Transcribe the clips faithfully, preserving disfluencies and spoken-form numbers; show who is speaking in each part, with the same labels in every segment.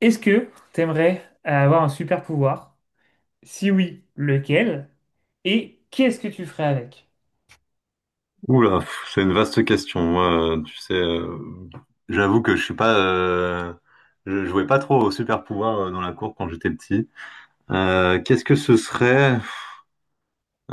Speaker 1: Est-ce que t'aimerais avoir un super pouvoir? Si oui, lequel? Et qu'est-ce que tu ferais avec?
Speaker 2: Oula, pff, c'est une vaste question. Moi, euh, tu sais, euh, j'avoue que je suis pas, euh, je jouais pas trop au super pouvoir euh, dans la cour quand j'étais petit. Euh, qu'est-ce que ce serait?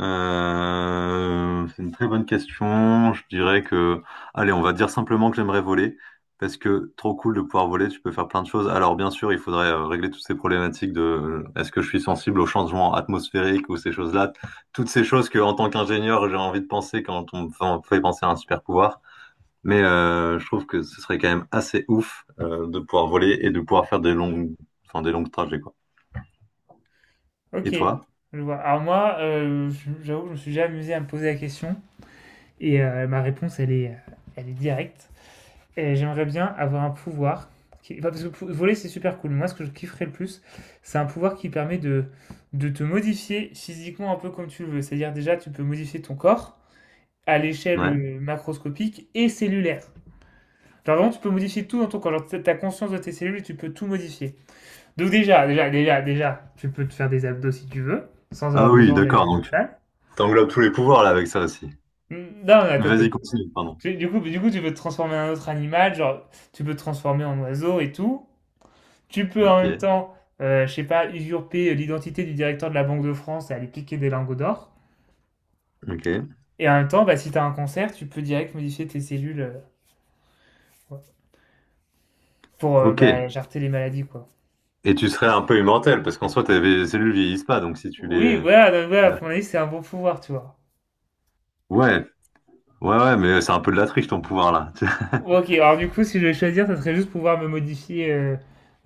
Speaker 2: Euh, c'est une très bonne question. Je dirais que, allez, on va dire simplement que j'aimerais voler parce que trop cool de pouvoir voler. Tu peux faire plein de choses. Alors bien sûr, il faudrait euh, régler toutes ces problématiques de, euh, est-ce que je suis sensible aux changements atmosphériques ou ces choses-là, toutes ces choses que, en tant qu'ingénieur, j'ai envie de penser quand on me fait penser à un super pouvoir. Mais euh, je trouve que ce serait quand même assez ouf euh, de pouvoir voler et de pouvoir faire des longues, enfin, des longs trajets, quoi. Et
Speaker 1: Ok,
Speaker 2: toi?
Speaker 1: je vois. Alors moi, euh, j'avoue que je me suis déjà amusé à me poser la question et euh, ma réponse, elle est, euh, elle est directe. Et j'aimerais bien avoir un pouvoir qui... enfin, parce que pou- voler, c'est super cool. Moi, ce que je kifferais le plus, c'est un pouvoir qui permet de, de te modifier physiquement un peu comme tu le veux. C'est-à-dire déjà, tu peux modifier ton corps à l'échelle
Speaker 2: Ouais.
Speaker 1: euh, macroscopique et cellulaire. Genre vraiment, tu peux modifier tout dans ton corps. Genre, t'as- t'as conscience de tes cellules et tu peux tout modifier. Donc déjà, déjà, déjà, déjà, tu peux te faire des abdos si tu veux, sans
Speaker 2: Ah
Speaker 1: avoir
Speaker 2: oui,
Speaker 1: besoin d'aller
Speaker 2: d'accord,
Speaker 1: à la
Speaker 2: donc
Speaker 1: salle.
Speaker 2: t'englobes tous les pouvoirs là avec ça aussi.
Speaker 1: Hmm. Non, attends, attends,
Speaker 2: Vas-y,
Speaker 1: attends.
Speaker 2: continue, pardon.
Speaker 1: Tu- Du coup, du coup, tu peux te transformer en un autre animal, genre, tu peux te transformer en oiseau et tout. Tu peux en même
Speaker 2: Ok,
Speaker 1: temps, euh, je sais pas, usurper l'identité du directeur de la Banque de France et aller piquer des lingots d'or.
Speaker 2: ok,
Speaker 1: Et en même temps, bah, si t'as un cancer, tu peux direct modifier tes cellules euh, ouais, pour euh,
Speaker 2: ok.
Speaker 1: bah, jarter les maladies, quoi.
Speaker 2: Et tu serais un peu immortel, parce qu'en soi, tes cellules vieillissent pas, donc si tu
Speaker 1: Oui,
Speaker 2: les...
Speaker 1: voilà, donc voilà,
Speaker 2: Ouais,
Speaker 1: pour mon avis, c'est un bon pouvoir, tu vois.
Speaker 2: ouais, ouais, mais c'est un peu de la triche ton pouvoir là,
Speaker 1: Ok, alors du coup, si je vais choisir, ça serait juste pouvoir me modifier euh,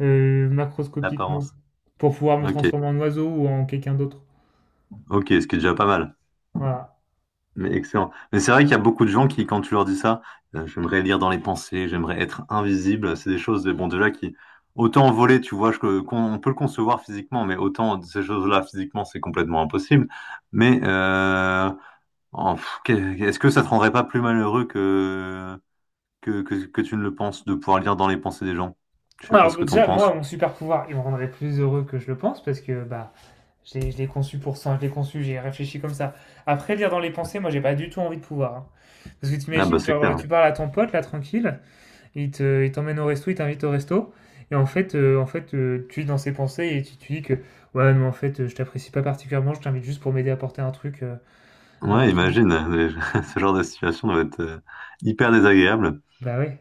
Speaker 1: euh, macroscopiquement
Speaker 2: l'apparence.
Speaker 1: pour pouvoir me
Speaker 2: Ok,
Speaker 1: transformer en oiseau ou en quelqu'un d'autre.
Speaker 2: ok, ce qui est déjà pas mal.
Speaker 1: Voilà.
Speaker 2: Mais excellent. Mais c'est vrai qu'il y a beaucoup de gens qui, quand tu leur dis ça, euh, j'aimerais lire dans les pensées, j'aimerais être invisible, c'est des choses, de, bon, déjà qui, autant voler, tu vois, je- qu'on on peut le concevoir physiquement, mais autant ces choses-là physiquement, c'est complètement impossible. Mais euh, en- pff, qu'est- est-ce que ça te rendrait pas plus malheureux que, que, que, que tu ne le penses de pouvoir lire dans les pensées des gens? Je sais pas
Speaker 1: Alors
Speaker 2: ce que t'en
Speaker 1: déjà,
Speaker 2: penses.
Speaker 1: moi, mon super pouvoir, il me rendrait plus heureux que je le pense parce que bah, je l'ai je l'ai conçu pour ça, je l'ai conçu, j'ai réfléchi comme ça. Après, lire dans les pensées, moi, j'ai pas du tout envie de pouvoir, hein. Parce que
Speaker 2: Ah bah
Speaker 1: t'imagines,
Speaker 2: c'est
Speaker 1: genre,
Speaker 2: clair.
Speaker 1: tu parles à ton pote là, tranquille. Il te, il t'emmène au resto, il t'invite au resto. Et en fait, euh, en fait euh, tu es dans ses pensées et tu te dis que, ouais, mais en fait, euh, je t'apprécie pas particulièrement, je t'invite juste pour m'aider à porter un truc. euh.
Speaker 2: Ouais,
Speaker 1: alors,
Speaker 2: imagine, ce genre de situation doit être euh, hyper désagréable.
Speaker 1: bah ouais.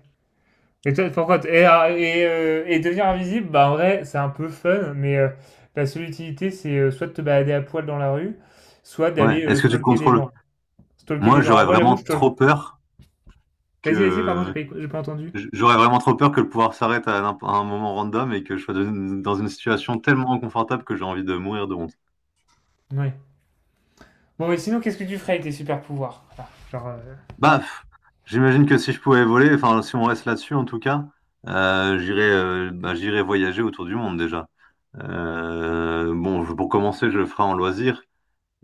Speaker 1: Et toi, pourquoi t- et, ah, et, euh, et devenir invisible, bah en vrai, c'est un peu fun, mais euh, la seule utilité, c'est euh, soit de te balader à poil dans la rue, soit
Speaker 2: Ouais.
Speaker 1: d'aller euh,
Speaker 2: Est-ce que tu le
Speaker 1: stalker des
Speaker 2: contrôles?
Speaker 1: gens. Stalker des
Speaker 2: Moi,
Speaker 1: gens. Alors
Speaker 2: j'aurais
Speaker 1: moi, j'avoue, je
Speaker 2: vraiment
Speaker 1: stalk-
Speaker 2: trop peur
Speaker 1: Vas-y, vas-y, pardon, j'ai
Speaker 2: que
Speaker 1: pas, écou- j'ai pas entendu.
Speaker 2: J'aurais vraiment trop peur que le pouvoir s'arrête à, n'imp- à un moment random et que je sois dans une dans une situation tellement inconfortable que j'ai envie de mourir de honte.
Speaker 1: Ouais. Bon, et sinon, qu'est-ce que tu ferais avec tes super pouvoirs? Voilà, genre, euh,
Speaker 2: Baf! J'imagine que si je pouvais voler, enfin si on reste là-dessus en tout cas, euh, j'irais euh, bah, j'irais voyager autour du monde déjà. Euh, bon, je- pour commencer, je le ferai en loisir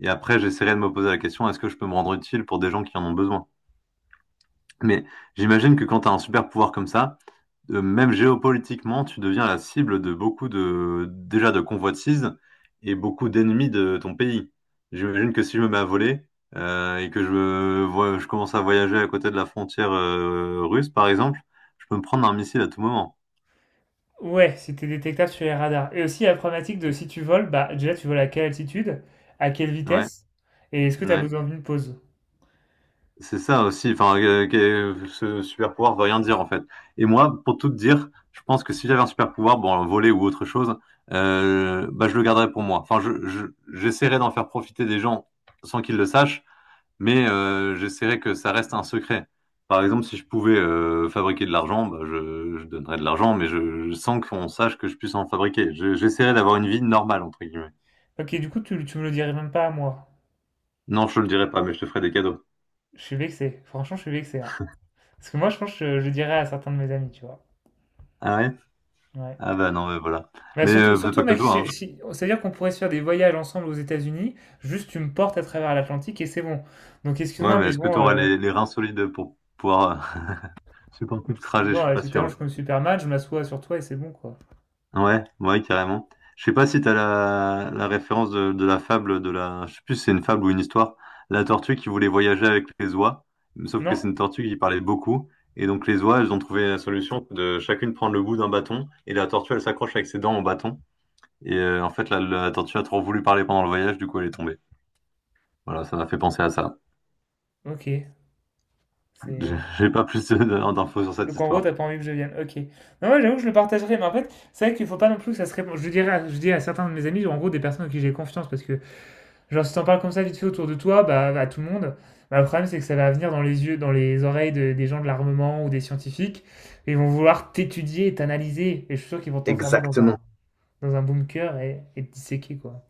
Speaker 2: et après j'essaierai de me poser la question, est-ce que je peux me rendre utile pour des gens qui en ont besoin? Mais j'imagine que quand tu as un super pouvoir comme ça, euh, même géopolitiquement, tu deviens la cible de beaucoup de, déjà de convoitises et beaucoup d'ennemis de ton pays. J'imagine que si je me mets à voler euh, et que je, me vois- je commence à voyager à côté de la frontière euh, russe, par exemple, je peux me prendre un missile à tout moment.
Speaker 1: Ouais, c'était détectable sur les radars. Et aussi la problématique de si tu voles, bah déjà tu voles à quelle altitude, à quelle
Speaker 2: Ouais,
Speaker 1: vitesse, et est-ce que tu as
Speaker 2: ouais.
Speaker 1: besoin d'une pause?
Speaker 2: C'est ça aussi. Enfin, euh, que- ce super pouvoir veut rien dire en fait. Et moi, pour tout te dire, je pense que si j'avais un super pouvoir, bon, voler ou autre chose, euh, bah, je le garderais pour moi. Enfin, je, je- j'essaierais d'en faire profiter des gens sans qu'ils le sachent, mais euh, j'essaierais que ça reste un secret. Par exemple, si je pouvais euh, fabriquer de l'argent, bah, je, je donnerais de l'argent, mais je, je- sans qu'on sache que je puisse en fabriquer. Je- j'essaierais d'avoir une vie normale entre guillemets.
Speaker 1: Ok, du coup tu, tu me le dirais même pas à moi.
Speaker 2: Non, je te le dirais pas, mais je te ferai des cadeaux.
Speaker 1: Je suis vexé, franchement je suis vexé, hein. Parce que moi je pense que je, je dirais à certains de mes amis, tu vois.
Speaker 2: Ah ouais?
Speaker 1: Ouais.
Speaker 2: Ah bah non, mais voilà.
Speaker 1: Bah
Speaker 2: Mais
Speaker 1: surtout,
Speaker 2: euh, fais
Speaker 1: surtout
Speaker 2: pas que
Speaker 1: mec,
Speaker 2: toi, hein.
Speaker 1: si- si- c'est-à-dire qu'on pourrait se faire des voyages ensemble aux États-Unis, juste tu me portes à travers l'Atlantique et c'est bon. Donc
Speaker 2: Ouais,
Speaker 1: excuse-moi,
Speaker 2: mais
Speaker 1: mais
Speaker 2: est-ce que tu
Speaker 1: bon,
Speaker 2: auras
Speaker 1: euh,
Speaker 2: les, les reins solides pour pouvoir euh, supporter le trajet? Je
Speaker 1: bon,
Speaker 2: suis
Speaker 1: euh,
Speaker 2: pas
Speaker 1: tu
Speaker 2: sûr.
Speaker 1: t'allonges comme Superman, je m'assois sur toi et c'est bon quoi.
Speaker 2: Ouais, ouais, carrément. Je sais pas si t'as la, la référence de, de la fable de la, je sais plus si c'est une fable ou une histoire, la tortue qui voulait voyager avec les oies, sauf que c'est
Speaker 1: Non,
Speaker 2: une tortue qui parlait beaucoup, et donc les oies, elles ont trouvé la solution de chacune prendre le bout d'un bâton, et la tortue, elle s'accroche avec ses dents au bâton, et euh, en fait, la, la tortue a trop voulu parler pendant le voyage, du coup, elle est tombée. Voilà, ça m'a fait penser à ça.
Speaker 1: ok, c'est...
Speaker 2: J'ai
Speaker 1: euh,
Speaker 2: j'ai pas plus de- d'infos sur cette
Speaker 1: Donc en gros, t'as
Speaker 2: histoire.
Speaker 1: pas envie que je vienne. Ok. Non, ouais, j'avoue que je le partagerai, mais en fait, c'est vrai qu'il faut pas non plus que ça se répande. Je dirais, à- je dis à certains de mes amis, en gros, des personnes en qui j'ai confiance, parce que genre si t'en parles comme ça vite fait autour de toi, bah à tout le monde, bah, le problème c'est que ça va venir dans les yeux, dans les oreilles de- des gens de l'armement ou des scientifiques, et ils vont vouloir t'étudier et t'analyser, et je suis sûr qu'ils vont t'enfermer dans un
Speaker 2: Exactement.
Speaker 1: dans un bunker et, et te disséquer quoi.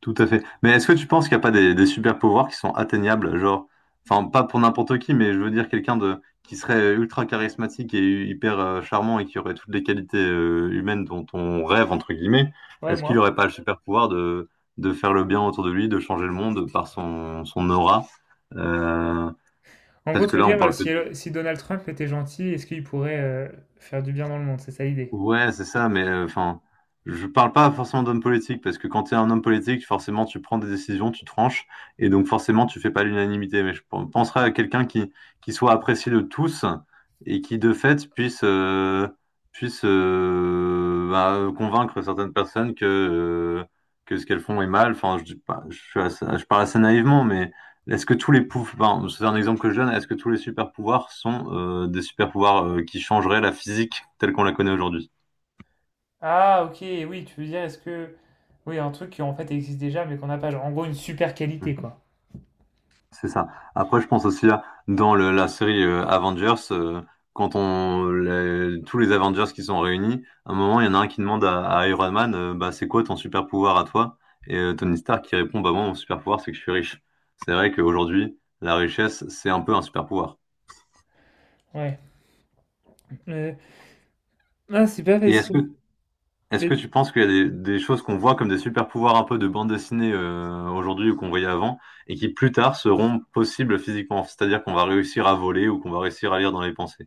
Speaker 2: Tout à fait. Mais est-ce que tu penses qu'il n'y a pas des, des super pouvoirs qui sont atteignables, genre, enfin pas pour n'importe qui, mais je veux dire quelqu'un de qui serait ultra charismatique et hyper euh, charmant et qui aurait toutes les qualités euh, humaines dont on rêve entre guillemets.
Speaker 1: Ouais,
Speaker 2: Est-ce qu'il
Speaker 1: moi.
Speaker 2: n'aurait pas le super pouvoir de de faire le bien autour de lui, de changer le monde par son son aura? Euh,
Speaker 1: En gros,
Speaker 2: parce
Speaker 1: tu
Speaker 2: que
Speaker 1: veux
Speaker 2: là, on
Speaker 1: dire, euh,
Speaker 2: parle que
Speaker 1: si, euh, si Donald Trump était gentil, est-ce qu'il pourrait euh, faire du bien dans le monde? C'est ça l'idée.
Speaker 2: Ouais, c'est ça, mais euh, enfin, je parle pas forcément d'homme politique, parce que quand tu es un homme politique, forcément, tu prends des décisions, tu tranches, et donc forcément, tu fais pas l'unanimité. Mais je pen- penserais à quelqu'un qui, qui soit apprécié de tous et qui, de fait, puisse, euh, puisse euh, bah, convaincre certaines personnes que, euh, que ce qu'elles font est mal. Enfin, je dis pas, je suis assez- je parle assez naïvement, mais est-ce que tous les pouvoirs, enfin, c'est un exemple que je donne, est-ce que tous les super pouvoirs sont euh, des super pouvoirs euh, qui changeraient la physique telle qu'on la connaît aujourd'hui?
Speaker 1: Ah, ok, oui, tu veux dire, est-ce que. Oui, un truc qui en fait existe déjà, mais qu'on n'a pas. Genre, en gros, une super qualité,
Speaker 2: Mm.
Speaker 1: quoi.
Speaker 2: C'est ça. Après, je pense aussi à- dans le- la série euh, Avengers, euh, quand on les- tous les Avengers qui sont réunis, à un moment, il y en a un qui demande à, à Iron Man, euh, bah, c'est quoi ton super pouvoir à toi? Et euh, Tony Stark qui répond, bah moi, mon super pouvoir, c'est que je suis riche. C'est vrai qu'aujourd'hui, la richesse, c'est un peu un super pouvoir.
Speaker 1: Ouais. Euh, Ah, c'est pas
Speaker 2: Et est-ce que
Speaker 1: facile.
Speaker 2: Est-ce que
Speaker 1: Vas-y.
Speaker 2: tu penses qu'il y a des, des choses qu'on voit comme des super pouvoirs un peu de bande dessinée euh, aujourd'hui ou qu'on voyait avant et qui plus tard seront possibles physiquement? C'est-à-dire qu'on va réussir à voler ou qu'on va réussir à lire dans les pensées?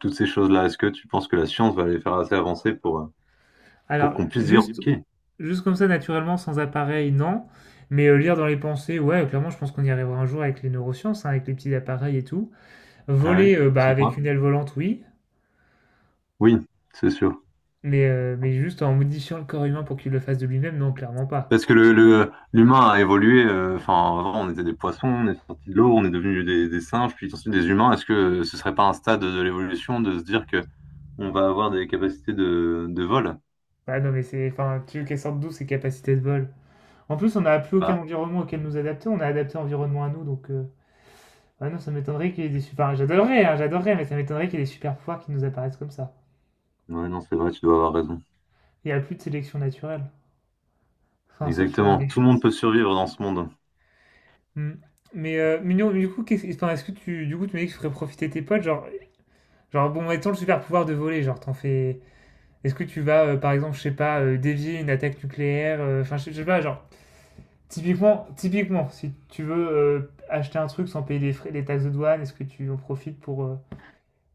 Speaker 2: Toutes ces choses-là. Est-ce que tu penses que la science va les faire assez avancer pour, euh, pour
Speaker 1: Alors,
Speaker 2: qu'on puisse dire,
Speaker 1: juste,
Speaker 2: OK,
Speaker 1: juste comme ça, naturellement, sans appareil, non. Mais euh, lire dans les pensées, ouais, clairement, je pense qu'on y arrivera un jour avec les neurosciences, hein, avec les petits appareils et tout.
Speaker 2: ah ouais,
Speaker 1: Voler, euh, bah,
Speaker 2: tu y
Speaker 1: avec
Speaker 2: crois?
Speaker 1: une aile volante, oui.
Speaker 2: Oui, c'est sûr.
Speaker 1: Mais, euh, mais juste en modifiant le corps humain pour qu'il le fasse de lui-même, non, clairement pas.
Speaker 2: Parce que le, le- l'humain a évolué. euh, Enfin, avant, on était des poissons, on est sorti de l'eau, on est devenu des, des singes, puis ensuite des humains. Est-ce que ce serait pas un stade de l'évolution de se dire que on va avoir des capacités de, de vol?
Speaker 1: Ah non, mais c'est. Enfin, tu veux qu'elle sorte d'où ses capacités de vol? En plus, on n'a plus aucun
Speaker 2: Bah,
Speaker 1: environnement auquel nous adapter, on a adapté l'environnement à nous, donc euh, ouais, non, ça m'étonnerait qu'il y ait des super... Enfin, j'adorerais, hein, j'adorerais, mais ça m'étonnerait qu'il y ait des super pouvoirs qui nous apparaissent comme ça.
Speaker 2: ouais, non, c'est vrai, tu dois avoir raison.
Speaker 1: Il n'y a plus de sélection naturelle. Enfin, sauf sur la
Speaker 2: Exactement. Tout le monde
Speaker 1: richesse.
Speaker 2: peut survivre dans ce monde.
Speaker 1: Hmm. Mais, euh, Mignon, du coup, qu'est-ce- enfin, est-ce que tu, du coup, tu m'as dit que tu ferais profiter tes potes, genre, genre, bon, mettons le super pouvoir de voler, genre, t'en fais... Est-ce que tu vas, euh, par exemple, je sais pas, euh, dévier une attaque nucléaire, euh, enfin, je, je sais pas, genre, typiquement, typiquement, si tu veux euh, acheter un truc sans payer les frais, les taxes de douane, est-ce que tu en profites pour... euh,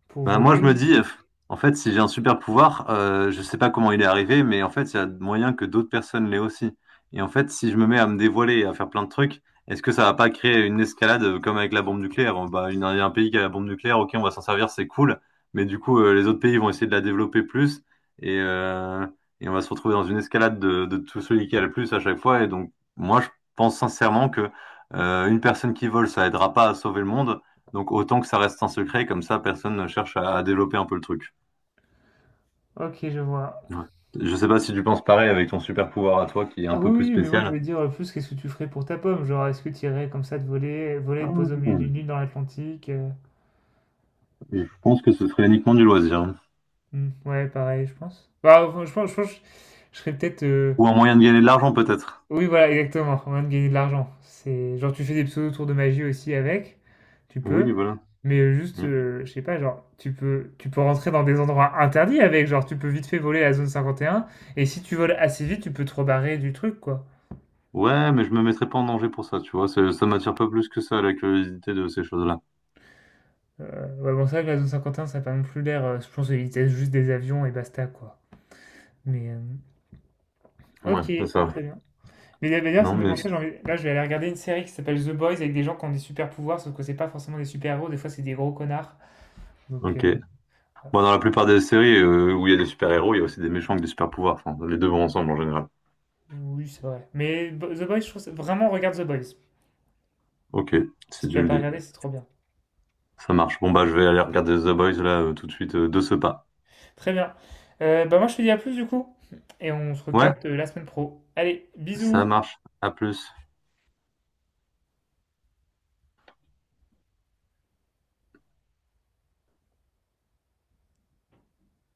Speaker 1: Pour
Speaker 2: Bah, moi, je me
Speaker 1: voler?
Speaker 2: dis, euh, en fait, si j'ai un super pouvoir, euh, je sais pas comment il est arrivé, mais en fait, il y a moyen que d'autres personnes l'aient aussi. Et en fait, si je me mets à me dévoiler et à faire plein de trucs, est-ce que ça va pas créer une escalade euh, comme avec la bombe nucléaire? Bon, bah, une- il y a un pays qui a la bombe nucléaire, ok, on va s'en servir, c'est cool, mais du coup, euh, les autres pays vont essayer de la développer plus et, euh, et on va se retrouver dans une escalade de, de tout celui qui a le plus à chaque fois. Et donc, moi, je pense sincèrement que euh, une personne qui vole, ça aidera pas à sauver le monde. Donc autant que ça reste un secret, comme ça personne ne cherche à, à développer un peu le truc.
Speaker 1: Ok, je vois.
Speaker 2: Ouais. Je sais pas si tu penses pareil avec ton super pouvoir à toi qui est un
Speaker 1: Ah oui,
Speaker 2: peu plus
Speaker 1: oui, mais moi je
Speaker 2: spécial.
Speaker 1: voulais dire euh, plus qu'est-ce que tu ferais pour ta pomme? Genre, est-ce que tu irais comme ça de voler, voler, te poser au
Speaker 2: Ah,
Speaker 1: milieu d'une île dans l'Atlantique? euh,
Speaker 2: je pense que ce serait uniquement du loisir, hein.
Speaker 1: Hmm, ouais, pareil, je pense. Bah, enfin, je pense, je pense que je serais peut-être. euh,
Speaker 2: Ou un moyen de gagner de l'argent peut-être.
Speaker 1: Oui, voilà, exactement, en train de gagner de l'argent. C'est genre, tu fais des pseudo tours de magie aussi avec, tu peux.
Speaker 2: Oui, voilà.
Speaker 1: Mais euh, juste,
Speaker 2: Mm.
Speaker 1: euh, je sais pas, genre, tu peux, tu peux rentrer dans des endroits interdits avec, genre, tu peux vite fait voler à la zone cinquante et un. Et un, et si tu voles assez vite, tu peux te rebarrer du truc, quoi.
Speaker 2: Ouais, mais je me mettrais pas en danger pour ça, tu vois. Ça, ça m'attire pas plus que ça, la curiosité de ces choses-là.
Speaker 1: Euh, ouais, bon, c'est vrai que la zone cinquante et un, ça n'a pas non plus l'air. euh, je pense qu'ils testent juste des avions et basta, quoi. Mais. euh,
Speaker 2: Ouais,
Speaker 1: ok,
Speaker 2: c'est ça.
Speaker 1: très bien. Mais d'ailleurs, ça
Speaker 2: Non,
Speaker 1: me fait
Speaker 2: mais
Speaker 1: penser, j'ai envie- là, je vais aller regarder une série qui s'appelle The Boys avec des gens qui ont des super pouvoirs, sauf que c'est pas forcément des super-héros, des fois, c'est des gros connards. Donc, euh,
Speaker 2: ok.
Speaker 1: voilà.
Speaker 2: Bon, dans la plupart des séries euh, où il y a des super-héros, il y a aussi des méchants avec des super-pouvoirs. Enfin, les deux vont ensemble en général.
Speaker 1: Oui, c'est vrai. Mais Bo- The Boys, je trouve. ça- Vraiment, regarde The Boys.
Speaker 2: Ok,
Speaker 1: Si
Speaker 2: si
Speaker 1: tu
Speaker 2: tu
Speaker 1: l'as
Speaker 2: le
Speaker 1: pas
Speaker 2: dis.
Speaker 1: regardé, c'est trop bien.
Speaker 2: Ça marche. Bon, bah, je vais aller regarder The Boys là euh, tout de suite euh, de ce pas.
Speaker 1: Très bien. Euh, bah, moi, je te dis à plus, du coup. Et on se
Speaker 2: Ouais,
Speaker 1: recapte euh, la semaine pro. Allez,
Speaker 2: ça
Speaker 1: bisous!
Speaker 2: marche. À plus.